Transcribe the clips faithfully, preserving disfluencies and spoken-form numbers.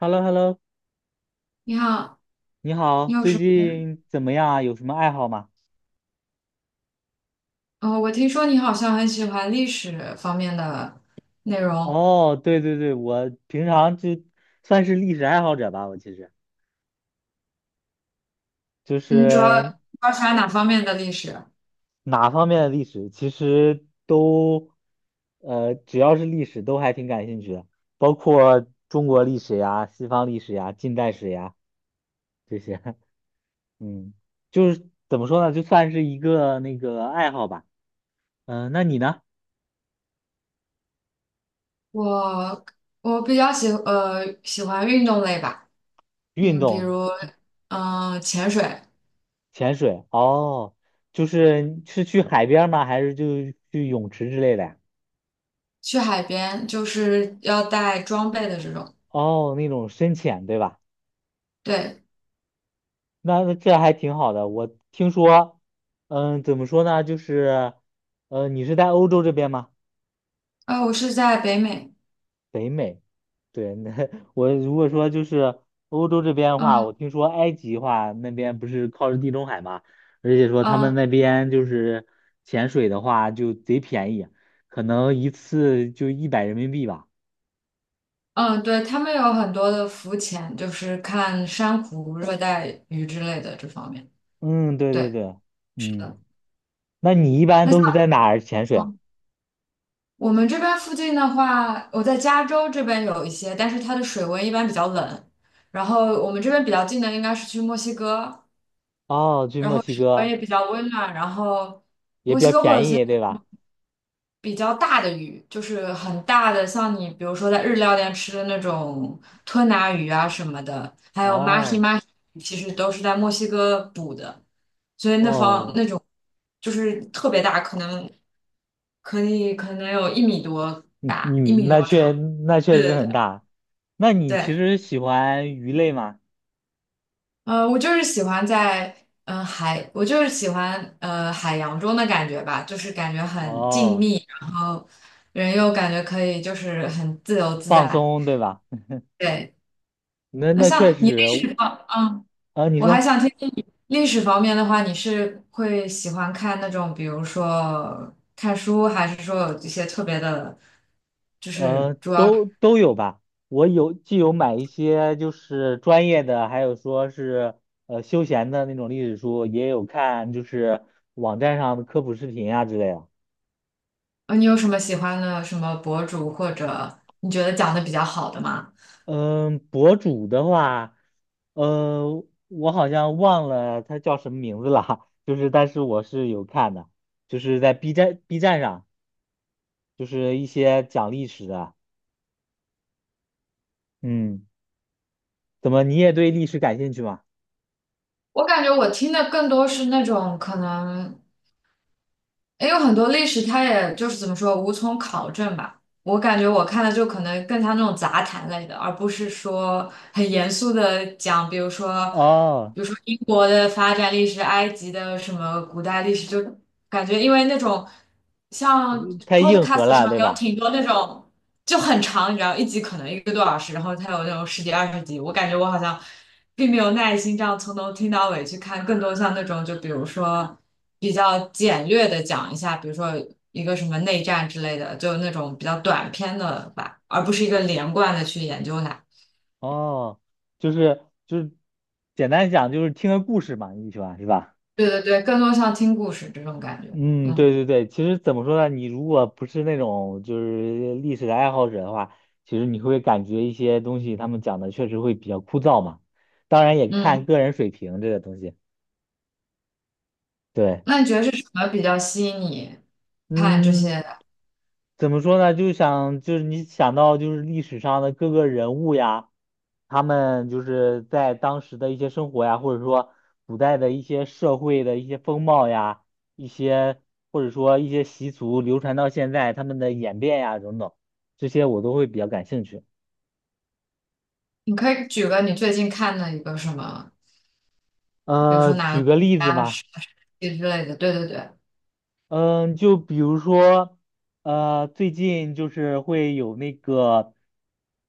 h e l l o h e l l o 你好，你好，你有最什么？近怎么样啊？有什么爱好吗？哦，我听说你好像很喜欢历史方面的内容，哦，对对对，我平常就算是历史爱好者吧，我其实就你主要主是要喜欢哪方面的历史？哪方面的历史，其实都，呃，只要是历史都还挺感兴趣的，包括中国历史呀、西方历史呀、近代史呀这些，嗯，就是怎么说呢，就算是一个那个爱好吧。嗯、那你呢？我我比较喜呃喜欢运动类吧，运嗯，比动？如嗯、呃潜水，潜水哦，就是是去海边儿吗？还是就去泳池之类的呀？去海边就是要带装备的这种。哦，那种深潜对吧？对，那这还挺好的。我听说，嗯，怎么说呢？就是，嗯，你是在欧洲这边吗？呃，我是在北美，北美，对，那 我如果说就是欧洲这边的话，我嗯听说埃及的话，那边不是靠着地中海嘛，而且说他们嗯那边就是潜水的话就贼便宜，可能一次就一百人民币吧。嗯，对，他们有很多的浮潜，就是看珊瑚、热带鱼之类的这方面。嗯，对对对，对，是嗯，的。那你一般那像。都是在哪儿潜水啊？我们这边附近的话，我在加州这边有一些，但是它的水温一般比较冷。然后我们这边比较近的应该是去墨西哥，哦，去墨西温哥也比较温暖。然后也墨比西较哥会有一便些宜，对吧？比较大的鱼，就是很大的，像你比如说在日料店吃的那种吞拿鱼啊什么的，还有马 a h 哦 i 其实都是在墨西哥捕的，所以那方哦，那种就是特别大，可能可以可能有一米多你大，一你米那多确长。那对确实对很对。大。那你其对，实喜欢鱼类吗？呃，我就是喜欢在嗯、呃海，我就是喜欢呃海洋中的感觉吧，就是感觉很静哦，谧，然后人又感觉可以就是很自由自放在。松，对吧？对，那那那确像你实，那个，嗯，啊，你我还说。想听听你历史方面的话，你是会喜欢看那种，比如说看书，还是说有一些特别的，呃，都都有吧。我有既有买一些就是专业的，还有说是呃休闲的那种历史书，也有看就是网站上的科普视频啊之类的。呃，你有什么喜欢的什么博主或者你觉得讲的比较好的吗？嗯，博主的话，呃，我好像忘了他叫什么名字了，就是但是我是有看的，就是在 B 站 B 站上，就是一些讲历史的。嗯，怎么你也对历史感兴趣吗？我感觉我听的更多是那种可能也有很多历史，它也就是怎么说，无从考证吧。我感觉我看的就可能更像那种杂谈类的，而不是说很严肃的讲，比如说。哦，比如说英国的发展历史、埃及的什么古代历史，就感觉因为那种像 太硬核 podcast 上了，对有吧？挺多那种就很长，你知道，一集可能一个多小时，然后它有那种十几二十集，我感觉我好像并没有耐心这样从头听到尾去看，更多像那种就比如说比较简略的讲一下，比如说一个什么内战之类的，就那种比较短篇的吧，而不是一个连贯的去研究它。哦，就是就是简单讲就是听个故事嘛，你喜欢是吧？对对对，更多像听故事这种感觉，嗯，对嗯。对对，其实怎么说呢？你如果不是那种就是历史的爱好者的话，其实你会感觉一些东西他们讲的确实会比较枯燥嘛。当然也看嗯。个人水平这个东西。对，那你觉得是什么比较吸引你看这嗯，些？怎么说呢？就想就是你想到就是历史上的各个人物呀，他们就是在当时的一些生活呀，或者说古代的一些社会的一些风貌呀，一些或者说一些习俗流传到现在，他们的演变呀等等，这些我都会比较感兴趣。你可以举个你最近看的一个什么，比如呃，说哪举个国个例子家嘛。是之类的。对对对，嗯，就比如说，呃，最近就是会有那个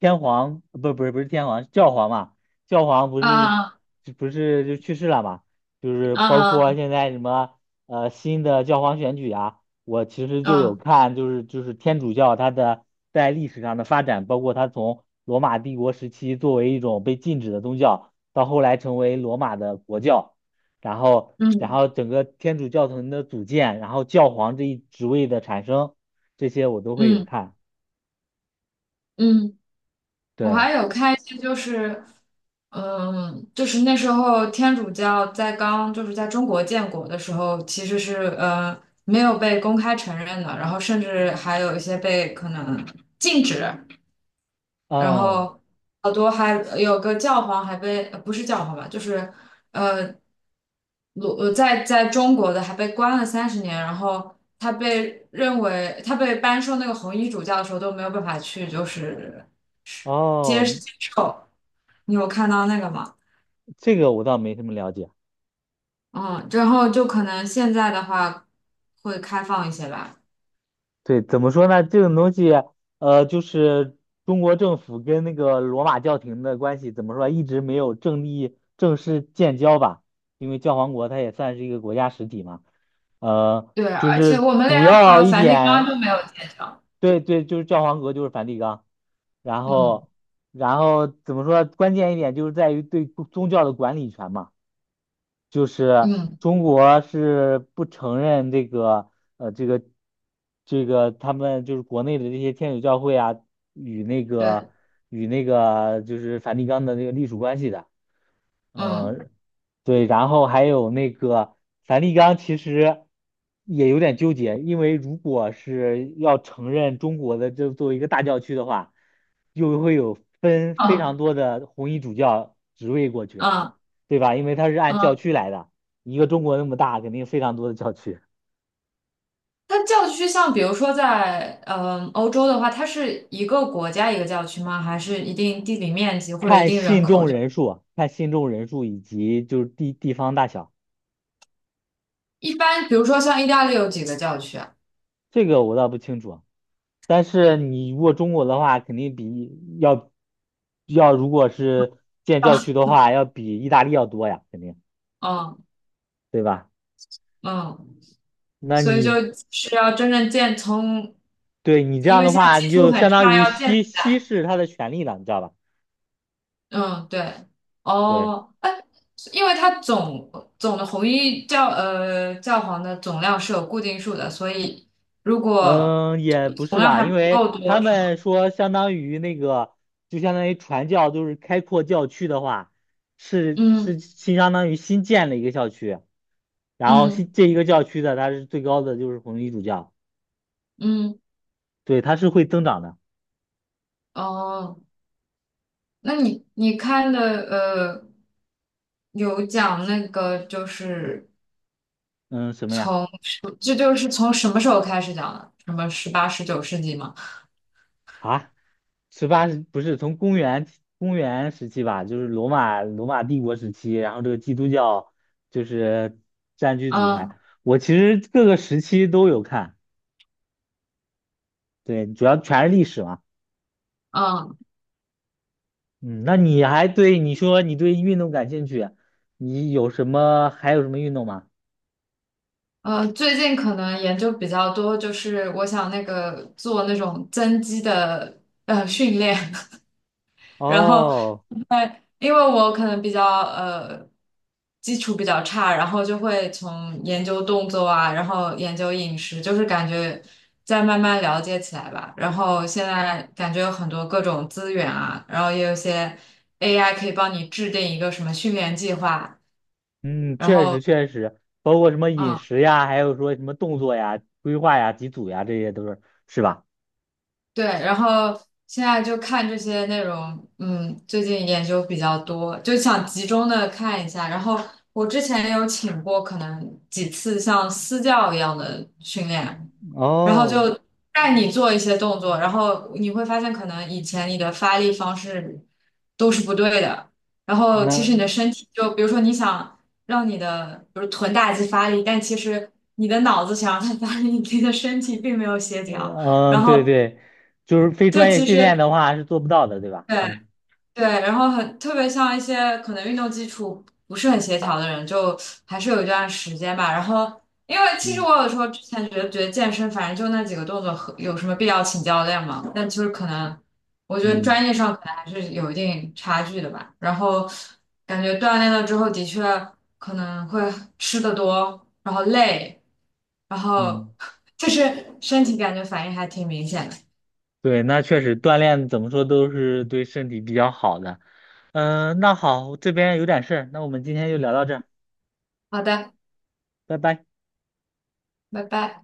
天皇，不，不是不是天皇，教皇嘛，教皇不是啊就不是就去世了嘛，就是包括啊现在什么呃新的教皇选举啊，我其实就有啊，看，就是就是天主教它的在历史上的发展，包括它从罗马帝国时期作为一种被禁止的宗教，到后来成为罗马的国教。然后然嗯后整个天主教廷的组建，然后教皇这一职位的产生，这些我都会有嗯看。嗯，我对，还有看一些，就是嗯，就是那时候天主教在刚就是在中国建国的时候，其实是呃没有被公开承认的，然后甚至还有一些被可能禁止。然嗯，后好多还有个教皇还被呃不是教皇吧，就是呃，鲁呃在在中国的还被关了三十年，然后他被认为他被颁授那个红衣主教的时候都没有办法去就是哦，接接受，你有看到那个吗？这个我倒没什么了解。嗯，然后就可能现在的话会开放一些吧。对，怎么说呢？这种东西，呃，就是中国政府跟那个罗马教廷的关系，怎么说，一直没有正立正式建交吧？因为教皇国它也算是一个国家实体嘛。呃，对，就而且是我们连主要和一梵蒂冈点都没有建交。对对，就是教皇格，就是梵蒂冈。然嗯后，然后怎么说？关键一点就是在于对宗教的管理权嘛，就是嗯，中国是不承认这个呃这个这个他们就是国内的这些天主教会啊与那个对，与那个就是梵蒂冈的那个隶属关系的。嗯嗯，对，然后还有那个梵蒂冈，其实也有点纠结，因为如果是要承认中国的这作为一个大教区的话，又会有分非常嗯多的红衣主教职位过去，嗯对吧？因为它是按教嗯。区来的，一个中国那么大，肯定非常多的教区，它教区像比如说在嗯欧洲的话，它是一个国家一个教区吗？还是一定地理面积或者一看定人信口众就？人数，看信众人数以及就是地地方大小，一般比如说像意大利有几个教区啊？这个我倒不清楚。但是你如果中国的话，肯定比要要如果是建教区的话，要比意大利要多呀，肯定，嗯对吧？嗯，那所以就你是要真正建从，对你这因样为的现在话，技你术就很相当差，于要建稀稀释他的权利了，你知道吧？嗯对对，哦哎，因为它总总的红衣教呃教皇的总量是有固定数的，所以如果嗯，也不总是量吧，还因不够为他多是吗？们说相当于那个，就相当于传教，就是开阔教区的话，是嗯是新相当于新建了一个校区，然后嗯。新这一个教区的它是最高的就是红衣主教，嗯，对，它是会增长的。哦，那你你看的呃，有讲那个就是嗯，什么呀？从这就是从什么时候开始讲的？什么十八、十九世纪吗？啊，十八世不是从公元公元时期吧，就是罗马罗马帝国时期，然后这个基督教就是占据主台。嗯我其实各个时期都有看，对，主要全是历史嘛。嗯嗯，那你还对你说你对运动感兴趣，你有什么还有什么运动吗？呃，最近可能研究比较多，就是我想那个做那种增肌的呃训练，然后，哦，因为因为我可能比较呃基础比较差，然后就会从研究动作啊，然后研究饮食，就是感觉再慢慢了解起来吧。然后现在感觉有很多各种资源啊，然后也有一些 A I 可以帮你制定一个什么训练计划，嗯，然确实后确实，包括什么嗯。饮啊食呀，还有说什么动作呀、规划呀、几组呀，这些都是是吧？对，然后现在就看这些内容，嗯，最近研究比较多，就想集中的看一下。然后我之前也有请过可能几次像私教一样的训练，然后哦，就带你做一些动作，然后你会发现可能以前你的发力方式都是不对的，然后其实那你的身体就比如说你想让你的比如臀大肌发力，但其实你的脑子想让它发力，你的身体并没有协调，然嗯，对后。对，就是非就专业其训练实的话是做不到的，对吧？对嗯对，然后很特别像一些可能运动基础不是很协调的人，就还是有一段时间吧。然后，因为其实嗯我有时候之前觉得觉得健身反正就那几个动作和，有什么必要请教练嘛？但就是可能我觉得嗯专业上可能还是有一定差距的吧。然后感觉锻炼了之后，的确可能会吃的多，然后累，然后 嗯，就是身体感觉反应还挺明显的。对，那确实锻炼怎么说都是对身体比较好的。嗯，那好，这边有点事儿，那我们今天就聊到这儿，好的，拜拜。拜拜。